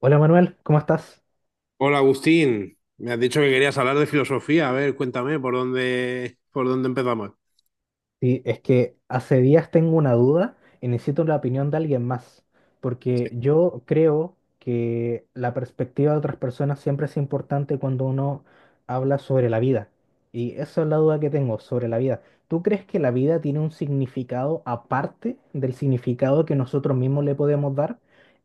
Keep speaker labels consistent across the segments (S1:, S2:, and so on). S1: Hola Manuel, ¿cómo estás?
S2: Hola Agustín, me has dicho que querías hablar de filosofía. A ver, cuéntame por dónde empezamos.
S1: Sí, es que hace días tengo una duda y necesito la opinión de alguien más,
S2: Sí.
S1: porque yo creo que la perspectiva de otras personas siempre es importante cuando uno habla sobre la vida. Y esa es la duda que tengo sobre la vida. ¿Tú crees que la vida tiene un significado aparte del significado que nosotros mismos le podemos dar?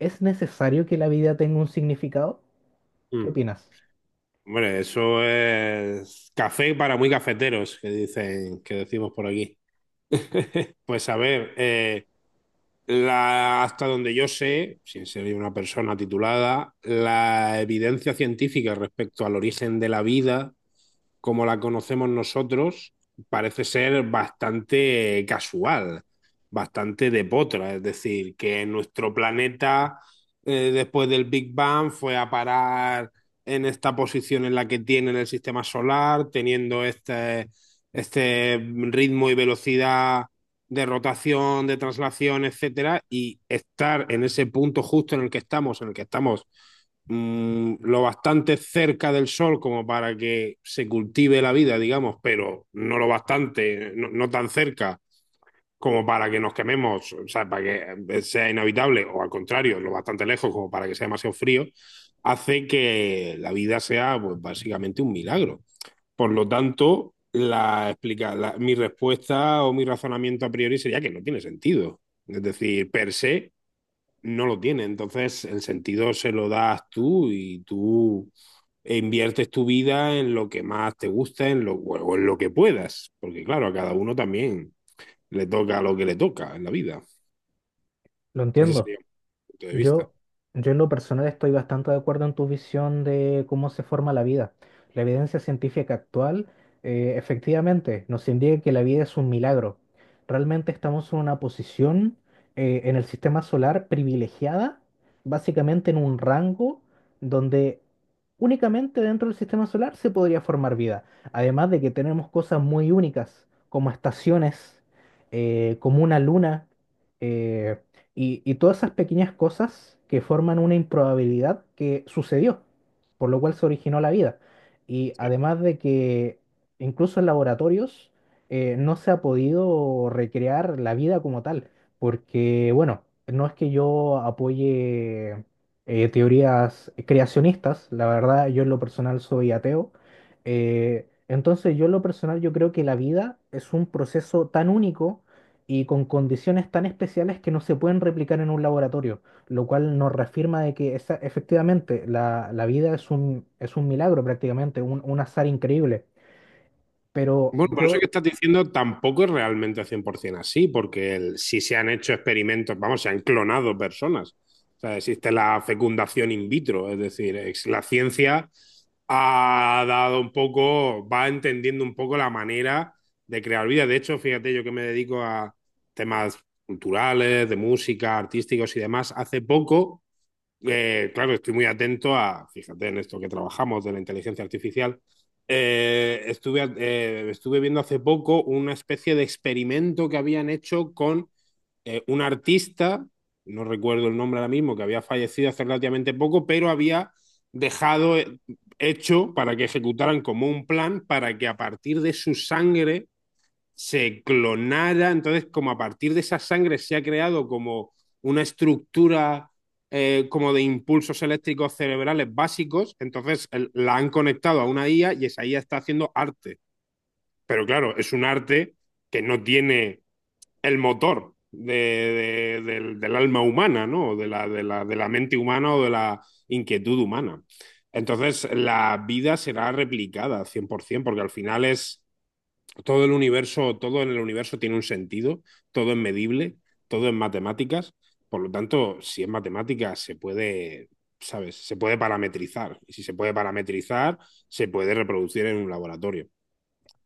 S1: ¿Es necesario que la vida tenga un significado? ¿Qué
S2: Mm.
S1: opinas?
S2: Hombre, eso es café para muy cafeteros, que dicen, que decimos por aquí. Pues a ver, hasta donde yo sé, sin ser una persona titulada, la evidencia científica respecto al origen de la vida, como la conocemos nosotros, parece ser bastante casual, bastante de potra. Es decir, que nuestro planeta, después del Big Bang, fue a parar en esta posición en la que tiene en el sistema solar, teniendo este ritmo y velocidad de rotación, de traslación, etcétera, y estar en ese punto justo en el que estamos, en el que estamos mmm, lo bastante cerca del sol como para que se cultive la vida, digamos, pero no lo bastante, no tan cerca como para que nos quememos, o sea, para que sea inhabitable, o al contrario, lo bastante lejos como para que sea demasiado frío, hace que la vida sea, pues, básicamente un milagro. Por lo tanto, mi respuesta o mi razonamiento a priori sería que no tiene sentido. Es decir, per se no lo tiene. Entonces, el sentido se lo das tú y tú inviertes tu vida en lo que más te gusta, o en lo que puedas. Porque claro, a cada uno también le toca lo que le toca en la vida.
S1: Lo
S2: Ese
S1: entiendo.
S2: sería mi punto de vista.
S1: Yo, yo en lo personal estoy bastante de acuerdo en tu visión de cómo se forma la vida. La evidencia científica actual, efectivamente, nos indica que la vida es un milagro. Realmente estamos en una posición en el sistema solar privilegiada, básicamente en un rango donde únicamente dentro del sistema solar se podría formar vida. Además de que tenemos cosas muy únicas, como estaciones, como una luna. eh, y todas esas pequeñas cosas que forman una improbabilidad que sucedió, por lo cual se originó la vida. Y
S2: Sí.
S1: además de que incluso en laboratorios no se ha podido recrear la vida como tal, porque bueno, no es que yo apoye teorías creacionistas, la verdad yo en lo personal soy ateo. Entonces yo en lo personal yo creo que la vida es un proceso tan único y con condiciones tan especiales que no se pueden replicar en un laboratorio, lo cual nos reafirma de que efectivamente la vida es es un milagro prácticamente, un azar increíble. Pero
S2: Bueno, por eso que
S1: yo.
S2: estás diciendo tampoco es realmente 100% así, porque si se han hecho experimentos, vamos, se han clonado personas. O sea, existe la fecundación in vitro, es decir, es- la ciencia ha dado un poco, va entendiendo un poco la manera de crear vida. De hecho, fíjate, yo que me dedico a temas culturales, de música, artísticos y demás, hace poco, claro, estoy muy atento a, fíjate en esto que trabajamos de la inteligencia artificial. Estuve viendo hace poco una especie de experimento que habían hecho con un artista, no recuerdo el nombre ahora mismo, que había fallecido hace relativamente poco, pero había dejado hecho para que ejecutaran como un plan para que a partir de su sangre se clonara, entonces como a partir de esa sangre se ha creado como una estructura, como de impulsos eléctricos cerebrales básicos, entonces la han conectado a una IA y esa IA está haciendo arte. Pero claro, es un arte que no tiene el motor del alma humana, ¿no? De la mente humana o de la inquietud humana. Entonces la vida será replicada 100% porque al final es todo el universo, todo en el universo tiene un sentido, todo es medible, todo es matemáticas. Por lo tanto, si es matemáticas, se puede, ¿sabes? Se puede parametrizar. Y si se puede parametrizar, se puede reproducir en un laboratorio.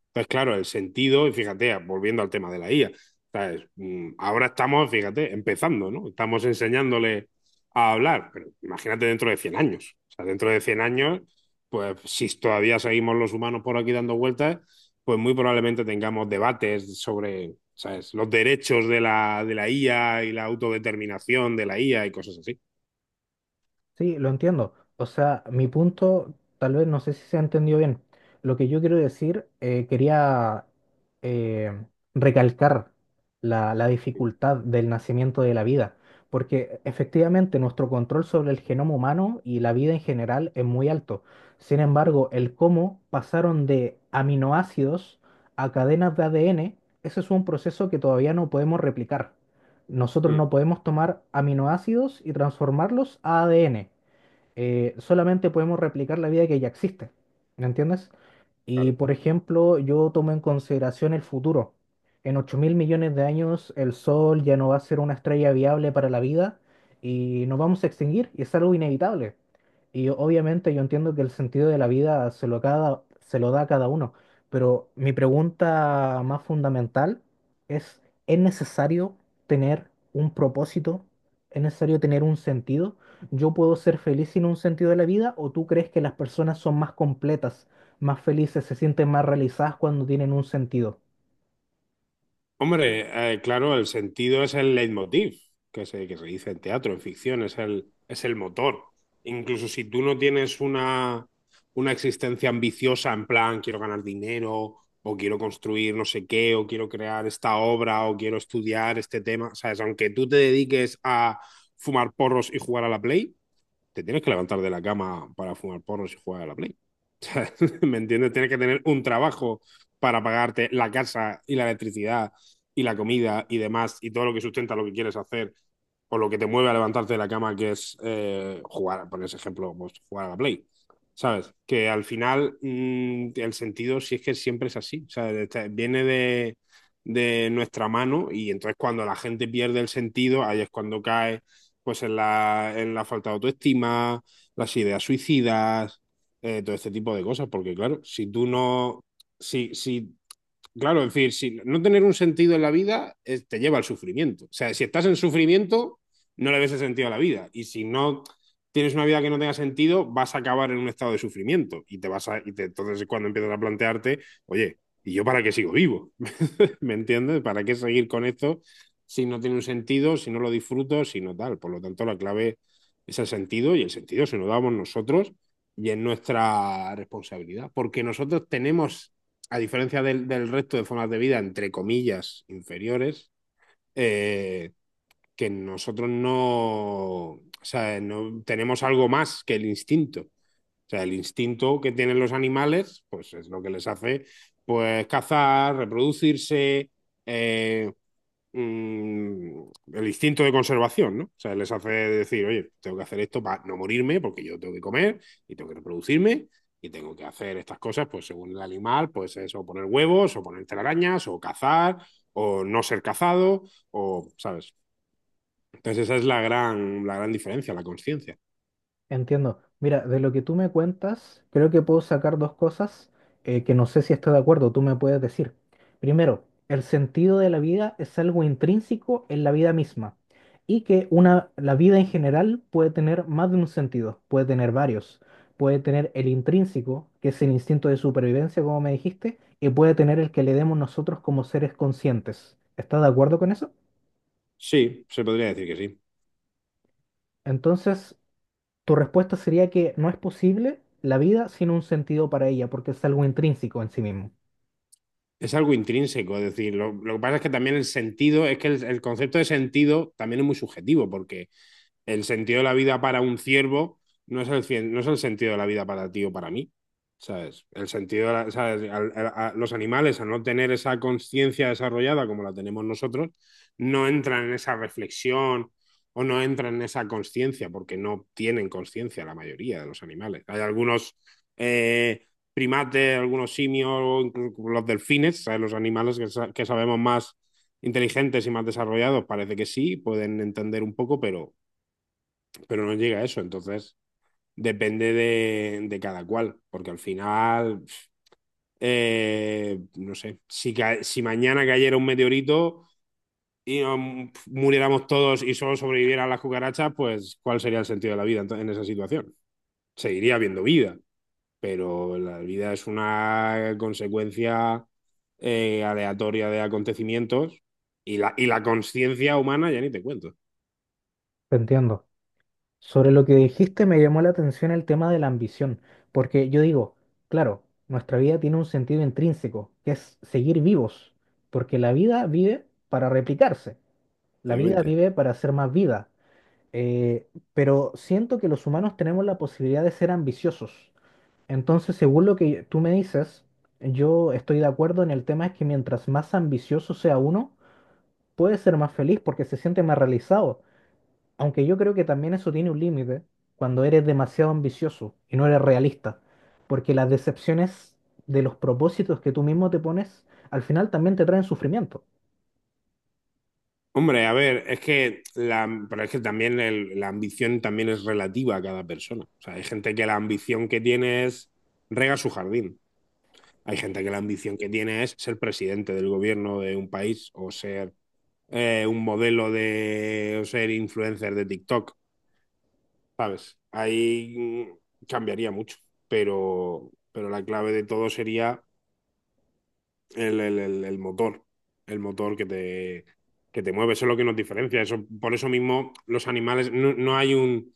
S2: Entonces, claro, el sentido, y fíjate, volviendo al tema de la IA, ¿sabes? Ahora estamos, fíjate, empezando, ¿no? Estamos enseñándole a hablar, pero imagínate dentro de 100 años. O sea, dentro de 100 años, pues si todavía seguimos los humanos por aquí dando vueltas, pues muy probablemente tengamos debates sobre, ¿sabes?, los derechos de la, IA y la autodeterminación de la IA y cosas así.
S1: Sí, lo entiendo. O sea, mi punto, tal vez no sé si se ha entendido bien. Lo que yo quiero decir, quería eh, recalcar la dificultad del nacimiento de la vida, porque efectivamente nuestro control sobre el genoma humano y la vida en general es muy alto. Sin embargo, el cómo pasaron de aminoácidos a cadenas de ADN, ese es un proceso que todavía no podemos replicar. Nosotros
S2: Mm,
S1: no podemos tomar aminoácidos y transformarlos a ADN, solamente podemos replicar la vida que ya existe. ¿Me entiendes? Y
S2: claro.
S1: por ejemplo, yo tomo en consideración el futuro. En 8.000 millones de años, el Sol ya no va a ser una estrella viable para la vida y nos vamos a extinguir y es algo inevitable. Y obviamente yo entiendo que el sentido de la vida se lo, cada, se lo da a cada uno, pero mi pregunta más fundamental es, ¿es necesario tener un propósito? ¿Es necesario tener un sentido? ¿Yo puedo ser feliz sin un sentido de la vida o tú crees que las personas son más completas, más felices, se sienten más realizadas cuando tienen un sentido?
S2: Hombre, claro, el sentido es el leitmotiv, que se dice en teatro, en ficción, es el motor. Incluso si tú no tienes una existencia ambiciosa, en plan, quiero ganar dinero, o quiero construir no sé qué, o quiero crear esta obra, o quiero estudiar este tema, ¿sabes? Aunque tú te dediques a fumar porros y jugar a la Play, te tienes que levantar de la cama para fumar porros y jugar a la Play. ¿Me entiendes? Tienes que tener un trabajo para pagarte la casa y la electricidad y la comida y demás y todo lo que sustenta lo que quieres hacer o lo que te mueve a levantarte de la cama, que es, jugar, por ese ejemplo, pues, jugar a la Play. ¿Sabes? Que al final, mmm, el sentido sí es que siempre es así. O sea, viene de nuestra mano y entonces cuando la gente pierde el sentido, ahí es cuando cae, pues, en la falta de autoestima, las ideas suicidas, todo este tipo de cosas, porque claro, si tú no, si, si, claro, en fin, si no tener un sentido en la vida, te lleva al sufrimiento. O sea, si estás en sufrimiento, no le ves el sentido a la vida. Y si no tienes una vida que no tenga sentido, vas a acabar en un estado de sufrimiento. Y te vas a, y te, entonces es cuando empiezas a plantearte, oye, ¿y yo para qué sigo vivo? ¿Me entiendes? ¿Para qué seguir con esto si no tiene un sentido, si no lo disfruto, si no tal? Por lo tanto, la clave es el sentido y el sentido se lo damos nosotros y es nuestra responsabilidad, porque nosotros tenemos, a diferencia del resto de formas de vida, entre comillas, inferiores, eh, que nosotros no, o sea, no tenemos algo más que el instinto. O sea, el instinto que tienen los animales, pues es lo que les hace, pues, cazar, reproducirse, eh, mmm, el instinto de conservación, ¿no? O sea, les hace decir, oye, tengo que hacer esto para no morirme, porque yo tengo que comer y tengo que reproducirme y tengo que hacer estas cosas, pues según el animal, pues es o poner huevos, o poner telarañas, o cazar, o no ser cazado, o, ¿sabes? Entonces esa es la gran diferencia, la conciencia.
S1: Entiendo. Mira, de lo que tú me cuentas, creo que puedo sacar dos cosas que no sé si estoy de acuerdo. Tú me puedes decir. Primero, el sentido de la vida es algo intrínseco en la vida misma y que una, la vida en general puede tener más de un sentido, puede tener varios. Puede tener el intrínseco, que es el instinto de supervivencia, como me dijiste, y puede tener el que le demos nosotros como seres conscientes. ¿Estás de acuerdo con eso?
S2: Sí, se podría decir que sí.
S1: Entonces, tu respuesta sería que no es posible la vida sin un sentido para ella, porque es algo intrínseco en sí mismo.
S2: Es algo intrínseco, es decir, lo que pasa es que también el sentido, es que el concepto de sentido también es muy subjetivo, porque el sentido de la vida para un ciervo no es el sentido de la vida para ti o para mí. ¿Sabes? El sentido, ¿sabes? A los animales, al no tener esa conciencia desarrollada como la tenemos nosotros, no entran en esa reflexión o no entran en esa conciencia, porque no tienen conciencia la mayoría de los animales. Hay algunos, eh, primates, algunos simios, los delfines, ¿sabes?, los animales que sabemos más inteligentes y más desarrollados, parece que sí, pueden entender un poco, pero no llega a eso. Entonces, depende de cada cual, porque al final, no sé, si mañana cayera un meteorito y, muriéramos todos y solo sobrevivieran las cucarachas, pues ¿cuál sería el sentido de la vida en esa situación? Seguiría habiendo vida, pero la vida es una consecuencia, aleatoria de acontecimientos y la conciencia humana ya ni te cuento,
S1: Te entiendo. Sobre lo que dijiste, me llamó la atención el tema de la ambición, porque yo digo, claro, nuestra vida tiene un sentido intrínseco, que es seguir vivos, porque la vida vive para replicarse, la vida
S2: obviamente.
S1: vive para hacer más vida. Eh, pero siento que los humanos tenemos la posibilidad de ser ambiciosos. Entonces, según lo que tú me dices, yo estoy de acuerdo en el tema es que mientras más ambicioso sea uno, puede ser más feliz porque se siente más realizado. Aunque yo creo que también eso tiene un límite cuando eres demasiado ambicioso y no eres realista. Porque las decepciones de los propósitos que tú mismo te pones, al final también te traen sufrimiento.
S2: Hombre, a ver, es que la, pero es que también la ambición también es relativa a cada persona. O sea, hay gente que la ambición que tiene es regar su jardín. Hay gente que la ambición que tiene es ser presidente del gobierno de un país o ser un modelo de o ser influencer de TikTok, ¿sabes? Ahí cambiaría mucho, pero la clave de todo sería el motor, el motor que te mueve, eso es lo que nos diferencia. Eso, por eso mismo los animales, no hay un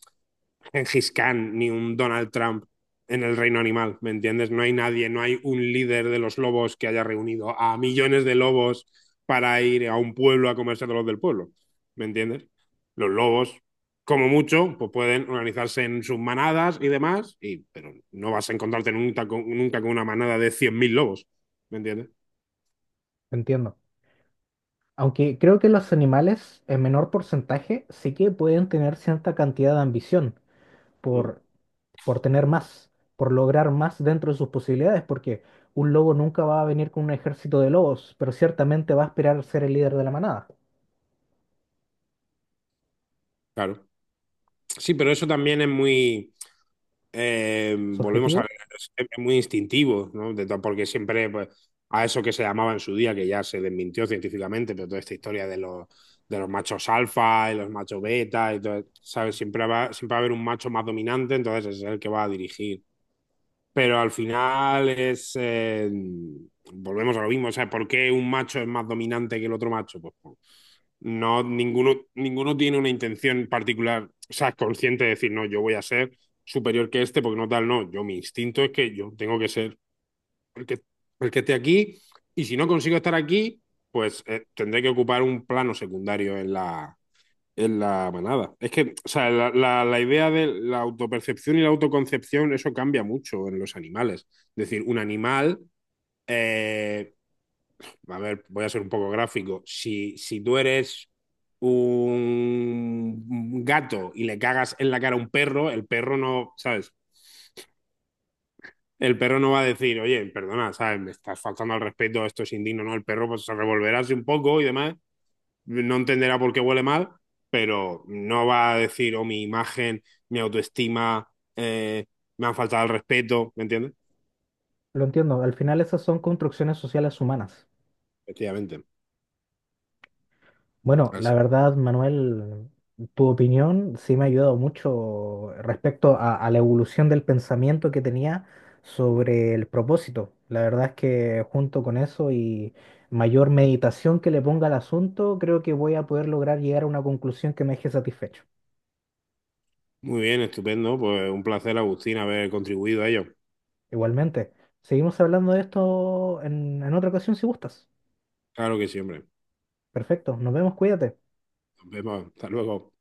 S2: Gengis Khan ni un Donald Trump en el reino animal, ¿me entiendes? No hay nadie, no hay un líder de los lobos que haya reunido a millones de lobos para ir a un pueblo a comerse a todos los del pueblo, ¿me entiendes? Los lobos, como mucho, pues pueden organizarse en sus manadas y demás, y, pero no vas a encontrarte nunca con, nunca con una manada de 100.000 lobos, ¿me entiendes?
S1: Entiendo. Aunque creo que los animales en menor porcentaje sí que pueden tener cierta cantidad de ambición por por tener más, por lograr más dentro de sus posibilidades, porque un lobo nunca va a venir con un ejército de lobos, pero ciertamente va a aspirar a ser el líder de la manada.
S2: Claro. Sí, pero eso también es muy,
S1: Su
S2: volvemos a
S1: objetivo,
S2: ver, es muy instintivo, ¿no? De to- porque siempre, pues, a eso que se llamaba en su día, que ya se desmintió científicamente, pero toda esta historia de los, machos alfa y los machos beta, y todo, ¿sabes? Siempre va a haber un macho más dominante, entonces es el que va a dirigir, pero al final es, volvemos a lo mismo. O sea, ¿por qué un macho es más dominante que el otro macho? Pues, no, ninguno, tiene una intención particular, o sea, consciente de decir, no, yo voy a ser superior que este porque no tal, no. Yo, mi instinto es que yo tengo que ser el que, el que esté aquí y si no consigo estar aquí, pues, tendré que ocupar un plano secundario en la manada. Es que, o sea, la, la idea de la autopercepción y la autoconcepción, eso cambia mucho en los animales. Es decir, un animal, eh, a ver, voy a ser un poco gráfico. Si tú eres un gato y le cagas en la cara a un perro, el perro no, ¿sabes? El perro no va a decir, oye, perdona, ¿sabes? Me estás faltando al respeto, esto es indigno, ¿no? El perro, pues, se revolverá así un poco y demás, no entenderá por qué huele mal, pero no va a decir, oh, mi imagen, mi autoestima, eh, me han faltado el respeto, ¿me entiendes?
S1: lo entiendo, al final esas son construcciones sociales humanas.
S2: Efectivamente.
S1: Bueno, la
S2: Así.
S1: verdad, Manuel, tu opinión sí me ha ayudado mucho respecto a la evolución del pensamiento que tenía sobre el propósito. La verdad es que junto con eso y mayor meditación que le ponga al asunto, creo que voy a poder lograr llegar a una conclusión que me deje satisfecho.
S2: Muy bien, estupendo. Pues un placer, Agustín, haber contribuido a ello.
S1: Igualmente, seguimos hablando de esto en otra ocasión si gustas.
S2: Claro que siempre.
S1: Perfecto, nos vemos, cuídate.
S2: Nos vemos. Hasta luego.